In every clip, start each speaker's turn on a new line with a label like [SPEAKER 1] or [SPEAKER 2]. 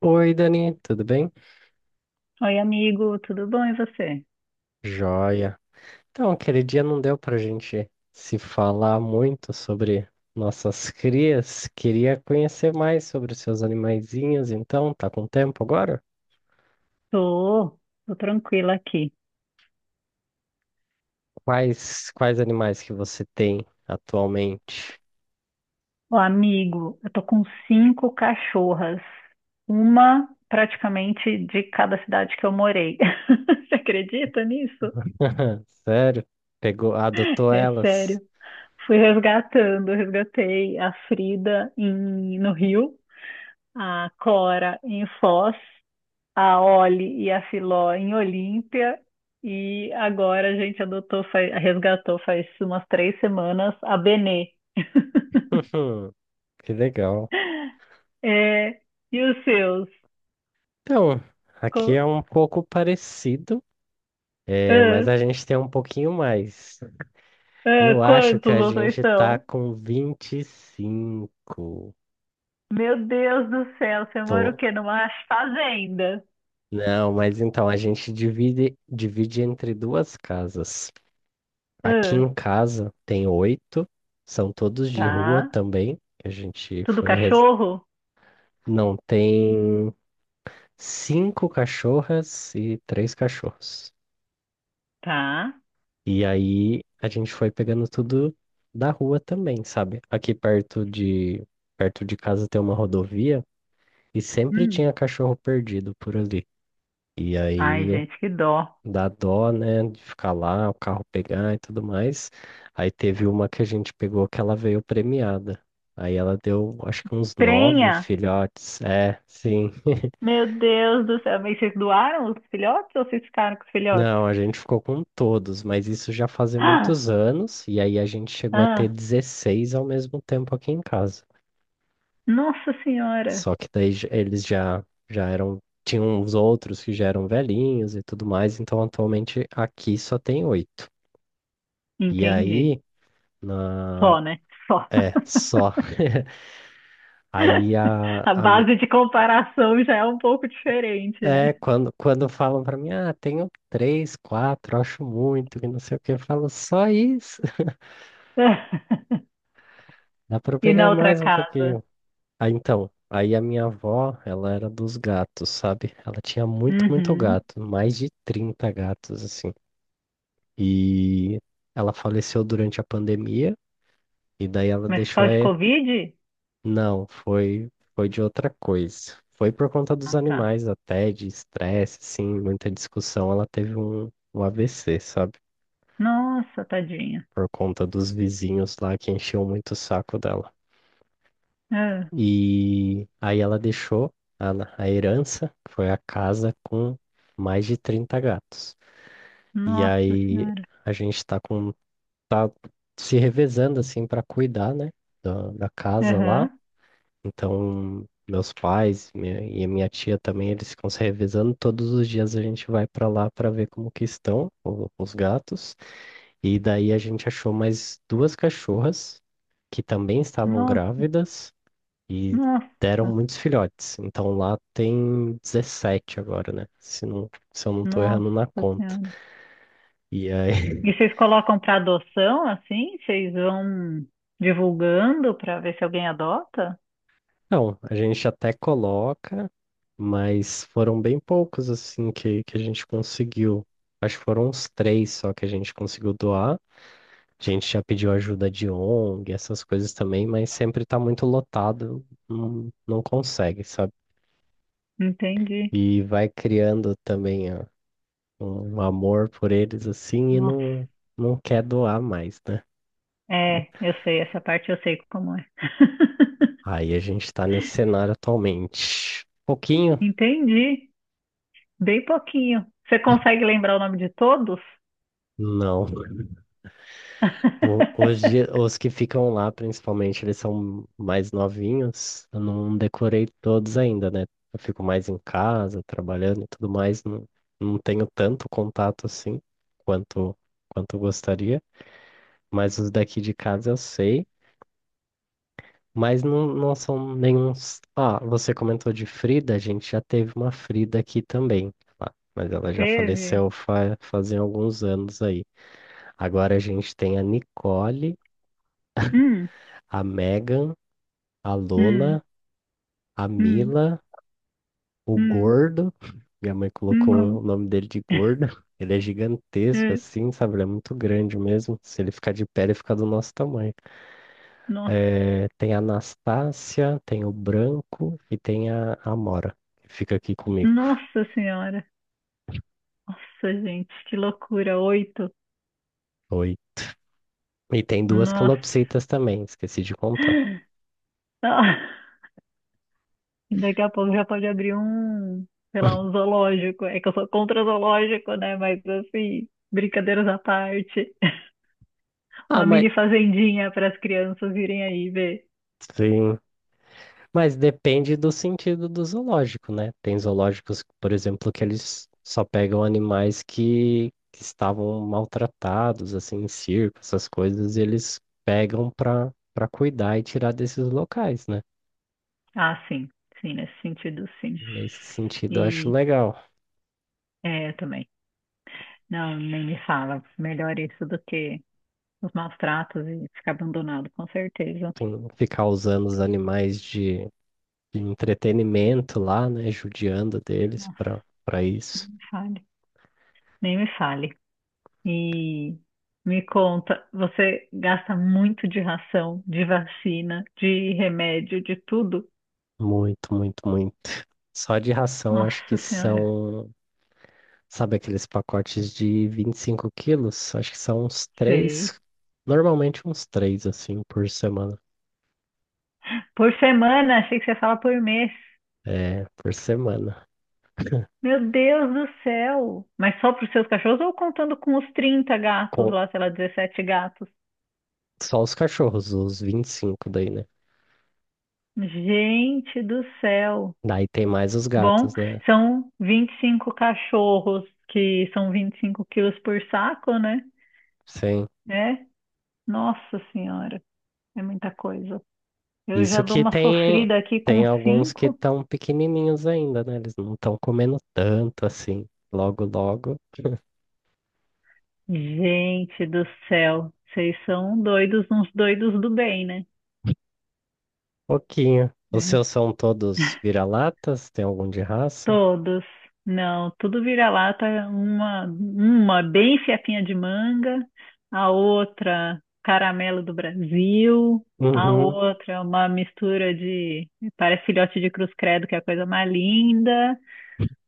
[SPEAKER 1] Oi, Dani, tudo bem?
[SPEAKER 2] Oi, amigo, tudo bom e você?
[SPEAKER 1] Joia. Então, aquele dia não deu pra gente se falar muito sobre nossas crias. Queria conhecer mais sobre os seus animaizinhos, então, tá com tempo agora?
[SPEAKER 2] Tô, tô tranquila aqui.
[SPEAKER 1] Quais animais que você tem atualmente?
[SPEAKER 2] Ô, amigo, eu tô com cinco cachorras, uma praticamente de cada cidade que eu morei. Você acredita nisso?
[SPEAKER 1] Sério? Pegou, adotou
[SPEAKER 2] É
[SPEAKER 1] elas?
[SPEAKER 2] sério. Fui resgatando, resgatei a Frida no Rio, a Cora em Foz, a Oli e a Filó em Olímpia. E agora a gente adotou, resgatou faz umas três semanas a Benê.
[SPEAKER 1] Que legal.
[SPEAKER 2] É, e os seus?
[SPEAKER 1] Então, aqui é
[SPEAKER 2] Co-
[SPEAKER 1] um pouco parecido, é, mas
[SPEAKER 2] ah,
[SPEAKER 1] a gente tem um pouquinho mais. Eu acho que
[SPEAKER 2] quantos
[SPEAKER 1] a
[SPEAKER 2] vocês
[SPEAKER 1] gente tá
[SPEAKER 2] são?
[SPEAKER 1] com 25.
[SPEAKER 2] Meu Deus do céu, você mora o
[SPEAKER 1] Tô.
[SPEAKER 2] quê? Numa fazenda?
[SPEAKER 1] Não, mas então a gente divide entre duas casas. Aqui
[SPEAKER 2] Ah,
[SPEAKER 1] em casa tem 8, são todos de rua
[SPEAKER 2] tá.
[SPEAKER 1] também. Que A gente
[SPEAKER 2] Tudo
[SPEAKER 1] foi.
[SPEAKER 2] cachorro?
[SPEAKER 1] Não, tem 5 cachorras e 3 cachorros.
[SPEAKER 2] Tá.
[SPEAKER 1] E aí a gente foi pegando tudo da rua também, sabe? Perto de casa tem uma rodovia. E sempre
[SPEAKER 2] Hum.
[SPEAKER 1] tinha cachorro perdido por ali. E
[SPEAKER 2] Ai,
[SPEAKER 1] aí
[SPEAKER 2] gente, que dó.
[SPEAKER 1] dá dó, né, de ficar lá, o carro pegar e tudo mais. Aí teve uma que a gente pegou que ela veio premiada. Aí ela deu, acho que uns 9
[SPEAKER 2] Prenha?
[SPEAKER 1] filhotes. É, sim.
[SPEAKER 2] Meu Deus do céu. Mas vocês doaram os filhotes ou vocês ficaram com os filhotes?
[SPEAKER 1] Não, a gente ficou com todos, mas isso já fazem
[SPEAKER 2] Ah,
[SPEAKER 1] muitos anos. E aí a gente chegou a ter
[SPEAKER 2] ah,
[SPEAKER 1] 16 ao mesmo tempo aqui em casa.
[SPEAKER 2] nossa senhora.
[SPEAKER 1] Só que daí eles já eram. Tinham os outros que já eram velhinhos e tudo mais, então atualmente aqui só tem 8. E
[SPEAKER 2] Entendi.
[SPEAKER 1] aí, na...
[SPEAKER 2] Só, né? Só.
[SPEAKER 1] é, só. Aí
[SPEAKER 2] A
[SPEAKER 1] a mi-
[SPEAKER 2] base de comparação já é um pouco diferente,
[SPEAKER 1] É,
[SPEAKER 2] né?
[SPEAKER 1] quando falam pra mim, ah, tenho três, quatro, acho muito, que não sei o que, eu falo só isso, dá pra eu
[SPEAKER 2] E na
[SPEAKER 1] pegar
[SPEAKER 2] outra
[SPEAKER 1] mais um
[SPEAKER 2] casa?
[SPEAKER 1] pouquinho. Ah, então, aí a minha avó, ela era dos gatos, sabe? Ela tinha muito
[SPEAKER 2] Uhum.
[SPEAKER 1] gato, mais de 30 gatos, assim. E ela faleceu durante a pandemia, e daí ela
[SPEAKER 2] Mas por causa de Covid?
[SPEAKER 1] não, foi de outra coisa. Foi por conta dos
[SPEAKER 2] Ah, tá.
[SPEAKER 1] animais até, de estresse, assim, muita discussão, ela teve um AVC, sabe?
[SPEAKER 2] Nossa, tadinha.
[SPEAKER 1] Por conta dos vizinhos lá que enchiam muito o saco dela.
[SPEAKER 2] Ah,
[SPEAKER 1] E aí ela deixou a, a herança, que foi a casa com mais de 30 gatos. E
[SPEAKER 2] nossa
[SPEAKER 1] aí
[SPEAKER 2] senhora.
[SPEAKER 1] a gente tá com tá se revezando assim para cuidar, né, da casa lá.
[SPEAKER 2] Aham.
[SPEAKER 1] Então, meus pais e a minha tia também, eles ficam se revezando. Todos os dias a gente vai para lá para ver como que estão os gatos. E daí a gente achou mais duas cachorras que também estavam
[SPEAKER 2] Nossa,
[SPEAKER 1] grávidas e
[SPEAKER 2] nossa,
[SPEAKER 1] deram muitos filhotes. Então lá tem 17 agora, né? Se não, se eu não tô
[SPEAKER 2] nossa
[SPEAKER 1] errando na conta.
[SPEAKER 2] senhora.
[SPEAKER 1] E aí
[SPEAKER 2] E vocês colocam para adoção assim? Vocês vão divulgando para ver se alguém adota?
[SPEAKER 1] não, a gente até coloca, mas foram bem poucos assim que a gente conseguiu. Acho que foram uns 3 só que a gente conseguiu doar. A gente já pediu ajuda de ONG, essas coisas também, mas sempre tá muito lotado, não, não consegue, sabe?
[SPEAKER 2] Entendi.
[SPEAKER 1] E vai criando também ó, um amor por eles assim e
[SPEAKER 2] Nossa.
[SPEAKER 1] não, não quer doar mais, né?
[SPEAKER 2] É, eu sei, essa parte eu sei como é.
[SPEAKER 1] Aí a gente tá nesse cenário atualmente. Pouquinho?
[SPEAKER 2] Entendi. Bem pouquinho. Você consegue lembrar o nome de todos?
[SPEAKER 1] Não, hoje, os que ficam lá, principalmente, eles são mais novinhos. Eu não decorei todos ainda, né? Eu fico mais em casa, trabalhando e tudo mais. Não, não tenho tanto contato assim quanto, quanto eu gostaria. Mas os daqui de casa eu sei. Mas não, não são nenhum. Ah, você comentou de Frida. A gente já teve uma Frida aqui também. Mas ela já
[SPEAKER 2] Teve?
[SPEAKER 1] faleceu fa fazem alguns anos aí. Agora a gente tem a Nicole,
[SPEAKER 2] Hum,
[SPEAKER 1] a Megan, a
[SPEAKER 2] hum,
[SPEAKER 1] Lola, a
[SPEAKER 2] hum,
[SPEAKER 1] Mila, o
[SPEAKER 2] hum,
[SPEAKER 1] Gordo. Minha mãe colocou o
[SPEAKER 2] hum.
[SPEAKER 1] nome dele de Gordo. Ele é gigantesco,
[SPEAKER 2] Eh,
[SPEAKER 1] assim, sabe? Ele é muito grande mesmo. Se ele ficar de pé, ele fica do nosso tamanho.
[SPEAKER 2] nossa,
[SPEAKER 1] Eh, tem a Anastácia, tem o Branco e tem a Amora, que fica aqui comigo.
[SPEAKER 2] nossa senhora. Nossa, gente, que loucura. Oito.
[SPEAKER 1] Oi. E tem 2
[SPEAKER 2] Nossa.
[SPEAKER 1] calopsitas também, esqueci de contar.
[SPEAKER 2] Ah, daqui a pouco já pode abrir um, sei lá, um zoológico. É que eu sou contra zoológico, né? Mas assim, brincadeiras à parte.
[SPEAKER 1] Ah,
[SPEAKER 2] Uma
[SPEAKER 1] mas.
[SPEAKER 2] mini fazendinha para as crianças virem aí ver.
[SPEAKER 1] Sim. Mas depende do sentido do zoológico, né? Tem zoológicos, por exemplo, que eles só pegam animais que estavam maltratados, assim, em circo, essas coisas, e eles pegam para cuidar e tirar desses locais, né?
[SPEAKER 2] Ah, sim. Sim, nesse sentido, sim.
[SPEAKER 1] Nesse sentido, eu acho
[SPEAKER 2] E
[SPEAKER 1] legal.
[SPEAKER 2] é, eu também. Não, nem me fala. Melhor isso do que os maus tratos e ficar abandonado, com certeza.
[SPEAKER 1] Ficar usando os animais de entretenimento lá, né? Judiando deles
[SPEAKER 2] Nossa,
[SPEAKER 1] para
[SPEAKER 2] nem
[SPEAKER 1] isso.
[SPEAKER 2] me fale. Nem me fale. E me conta, você gasta muito de ração, de vacina, de remédio, de tudo?
[SPEAKER 1] Muito, muito, muito. Só de ração, acho que
[SPEAKER 2] Nossa Senhora,
[SPEAKER 1] são... sabe aqueles pacotes de 25 kg? Acho que são uns
[SPEAKER 2] sei.
[SPEAKER 1] 3, normalmente uns 3, assim, por semana.
[SPEAKER 2] Por semana, achei que você fala por mês.
[SPEAKER 1] É, por semana.
[SPEAKER 2] Meu Deus do céu! Mas só para os seus cachorros ou contando com os 30 gatos
[SPEAKER 1] Com
[SPEAKER 2] lá, sei lá, 17 gatos?
[SPEAKER 1] só os cachorros, os 25 daí, né?
[SPEAKER 2] Gente do céu!
[SPEAKER 1] Daí tem mais os
[SPEAKER 2] Bom,
[SPEAKER 1] gatos, né?
[SPEAKER 2] são 25 cachorros, que são 25 quilos por saco, né?
[SPEAKER 1] Sim.
[SPEAKER 2] É, nossa senhora, é muita coisa. Eu
[SPEAKER 1] Isso
[SPEAKER 2] já dou
[SPEAKER 1] que
[SPEAKER 2] uma
[SPEAKER 1] tem,
[SPEAKER 2] sofrida aqui com
[SPEAKER 1] tem alguns que
[SPEAKER 2] cinco.
[SPEAKER 1] estão pequenininhos ainda, né? Eles não estão comendo tanto assim. Logo, logo,
[SPEAKER 2] Gente do céu, vocês são doidos, uns doidos do bem, né?
[SPEAKER 1] pouquinho. Os
[SPEAKER 2] É.
[SPEAKER 1] seus são todos vira-latas? Tem algum de raça?
[SPEAKER 2] Todos. Não, tudo vira-lata, uma bem fiapinha de manga, a outra caramelo do Brasil, a
[SPEAKER 1] Uhum.
[SPEAKER 2] outra uma mistura de, parece filhote de cruz credo, que é a coisa mais linda,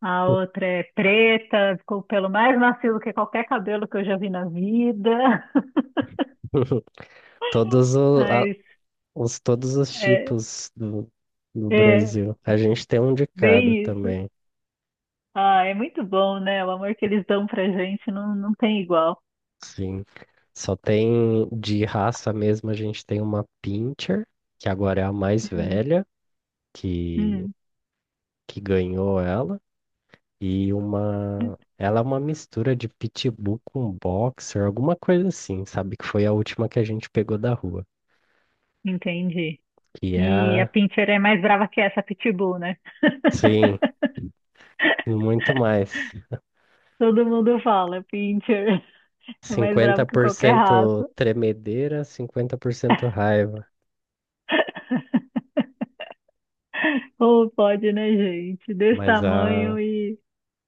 [SPEAKER 2] a outra é preta, ficou o pelo mais macio do que qualquer cabelo que eu já vi na vida,
[SPEAKER 1] Todos
[SPEAKER 2] mas
[SPEAKER 1] todos os
[SPEAKER 2] é,
[SPEAKER 1] tipos do
[SPEAKER 2] é
[SPEAKER 1] Brasil. A gente tem um de cada
[SPEAKER 2] bem isso.
[SPEAKER 1] também,
[SPEAKER 2] Ah, é muito bom, né? O amor que eles dão pra gente não, não tem igual.
[SPEAKER 1] sim. Só tem de raça mesmo, a gente tem uma Pinscher, que agora é a mais
[SPEAKER 2] Hum,
[SPEAKER 1] velha, que,
[SPEAKER 2] hum.
[SPEAKER 1] que ganhou ela, e uma. Ela é uma mistura de pitbull com boxer, alguma coisa assim, sabe? Que foi a última que a gente pegou da rua.
[SPEAKER 2] Entendi.
[SPEAKER 1] Que é
[SPEAKER 2] E a
[SPEAKER 1] a.
[SPEAKER 2] Pinscher é mais brava que essa Pitbull, né?
[SPEAKER 1] Sim, muito mais.
[SPEAKER 2] Todo mundo fala, Pinscher é mais
[SPEAKER 1] Cinquenta
[SPEAKER 2] brava que
[SPEAKER 1] por
[SPEAKER 2] qualquer
[SPEAKER 1] cento
[SPEAKER 2] raça.
[SPEAKER 1] tremedeira, 50% raiva.
[SPEAKER 2] Ou pode, né, gente? Desse
[SPEAKER 1] Mas
[SPEAKER 2] tamanho
[SPEAKER 1] a,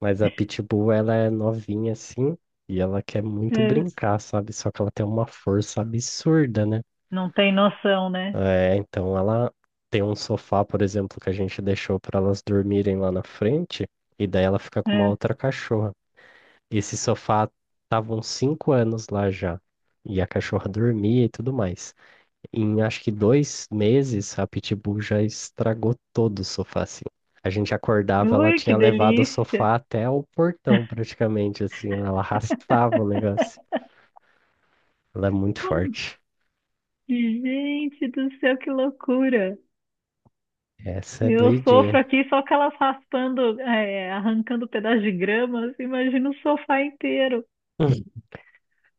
[SPEAKER 1] mas a Pitbull, ela é novinha assim, e ela quer muito
[SPEAKER 2] é,
[SPEAKER 1] brincar, sabe? Só que ela tem uma força absurda, né?
[SPEAKER 2] não tem noção, né?
[SPEAKER 1] É, então ela tem um sofá, por exemplo, que a gente deixou para elas dormirem lá na frente, e daí ela fica com uma
[SPEAKER 2] É.
[SPEAKER 1] outra cachorra. Esse sofá tava uns 5 anos lá já, e a cachorra dormia e tudo mais. Em acho que 2 meses, a Pitbull já estragou todo o sofá, assim. A gente acordava, ela
[SPEAKER 2] Ui, que
[SPEAKER 1] tinha levado o
[SPEAKER 2] delícia!
[SPEAKER 1] sofá até o portão, praticamente, assim. Ela arrastava o negócio. Ela é muito forte.
[SPEAKER 2] Gente do céu, que loucura!
[SPEAKER 1] Essa é
[SPEAKER 2] Eu sofro
[SPEAKER 1] doidinha.
[SPEAKER 2] aqui só com elas raspando, é, arrancando pedaço de grama. Assim, imagina o sofá inteiro.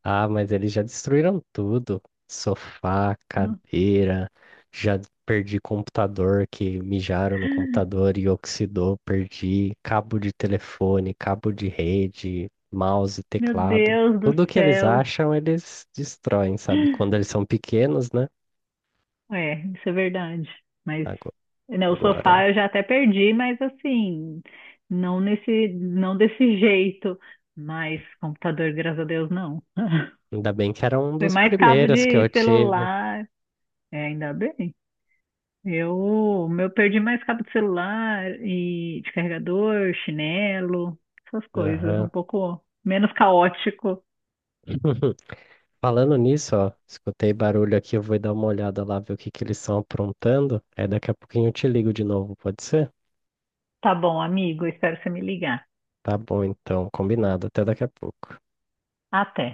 [SPEAKER 1] Ah, mas eles já destruíram tudo. Sofá,
[SPEAKER 2] No-
[SPEAKER 1] cadeira, já perdi computador que mijaram no computador e oxidou, perdi cabo de telefone, cabo de rede, mouse,
[SPEAKER 2] Meu
[SPEAKER 1] teclado.
[SPEAKER 2] Deus do
[SPEAKER 1] Tudo que eles
[SPEAKER 2] céu!
[SPEAKER 1] acham, eles destroem, sabe? Quando eles são pequenos, né?
[SPEAKER 2] É, isso é verdade. Mas
[SPEAKER 1] Ago-
[SPEAKER 2] né, o
[SPEAKER 1] Agora,
[SPEAKER 2] sofá eu já até perdi, mas assim, não desse jeito. Mas computador, graças a Deus, não.
[SPEAKER 1] ainda bem que era um
[SPEAKER 2] Foi
[SPEAKER 1] dos
[SPEAKER 2] mais cabo
[SPEAKER 1] primeiros que eu
[SPEAKER 2] de
[SPEAKER 1] tive.
[SPEAKER 2] celular. É, ainda bem. Eu, meu, perdi mais cabo de celular e de carregador, chinelo, essas coisas, um
[SPEAKER 1] Aham.
[SPEAKER 2] pouco menos caótico.
[SPEAKER 1] Falando nisso, ó, escutei barulho aqui, eu vou dar uma olhada lá, ver o que que eles estão aprontando. Aí daqui a pouquinho eu te ligo de novo, pode ser?
[SPEAKER 2] Tá bom, amigo, espero você me ligar.
[SPEAKER 1] Tá bom, então, combinado. Até daqui a pouco.
[SPEAKER 2] Até.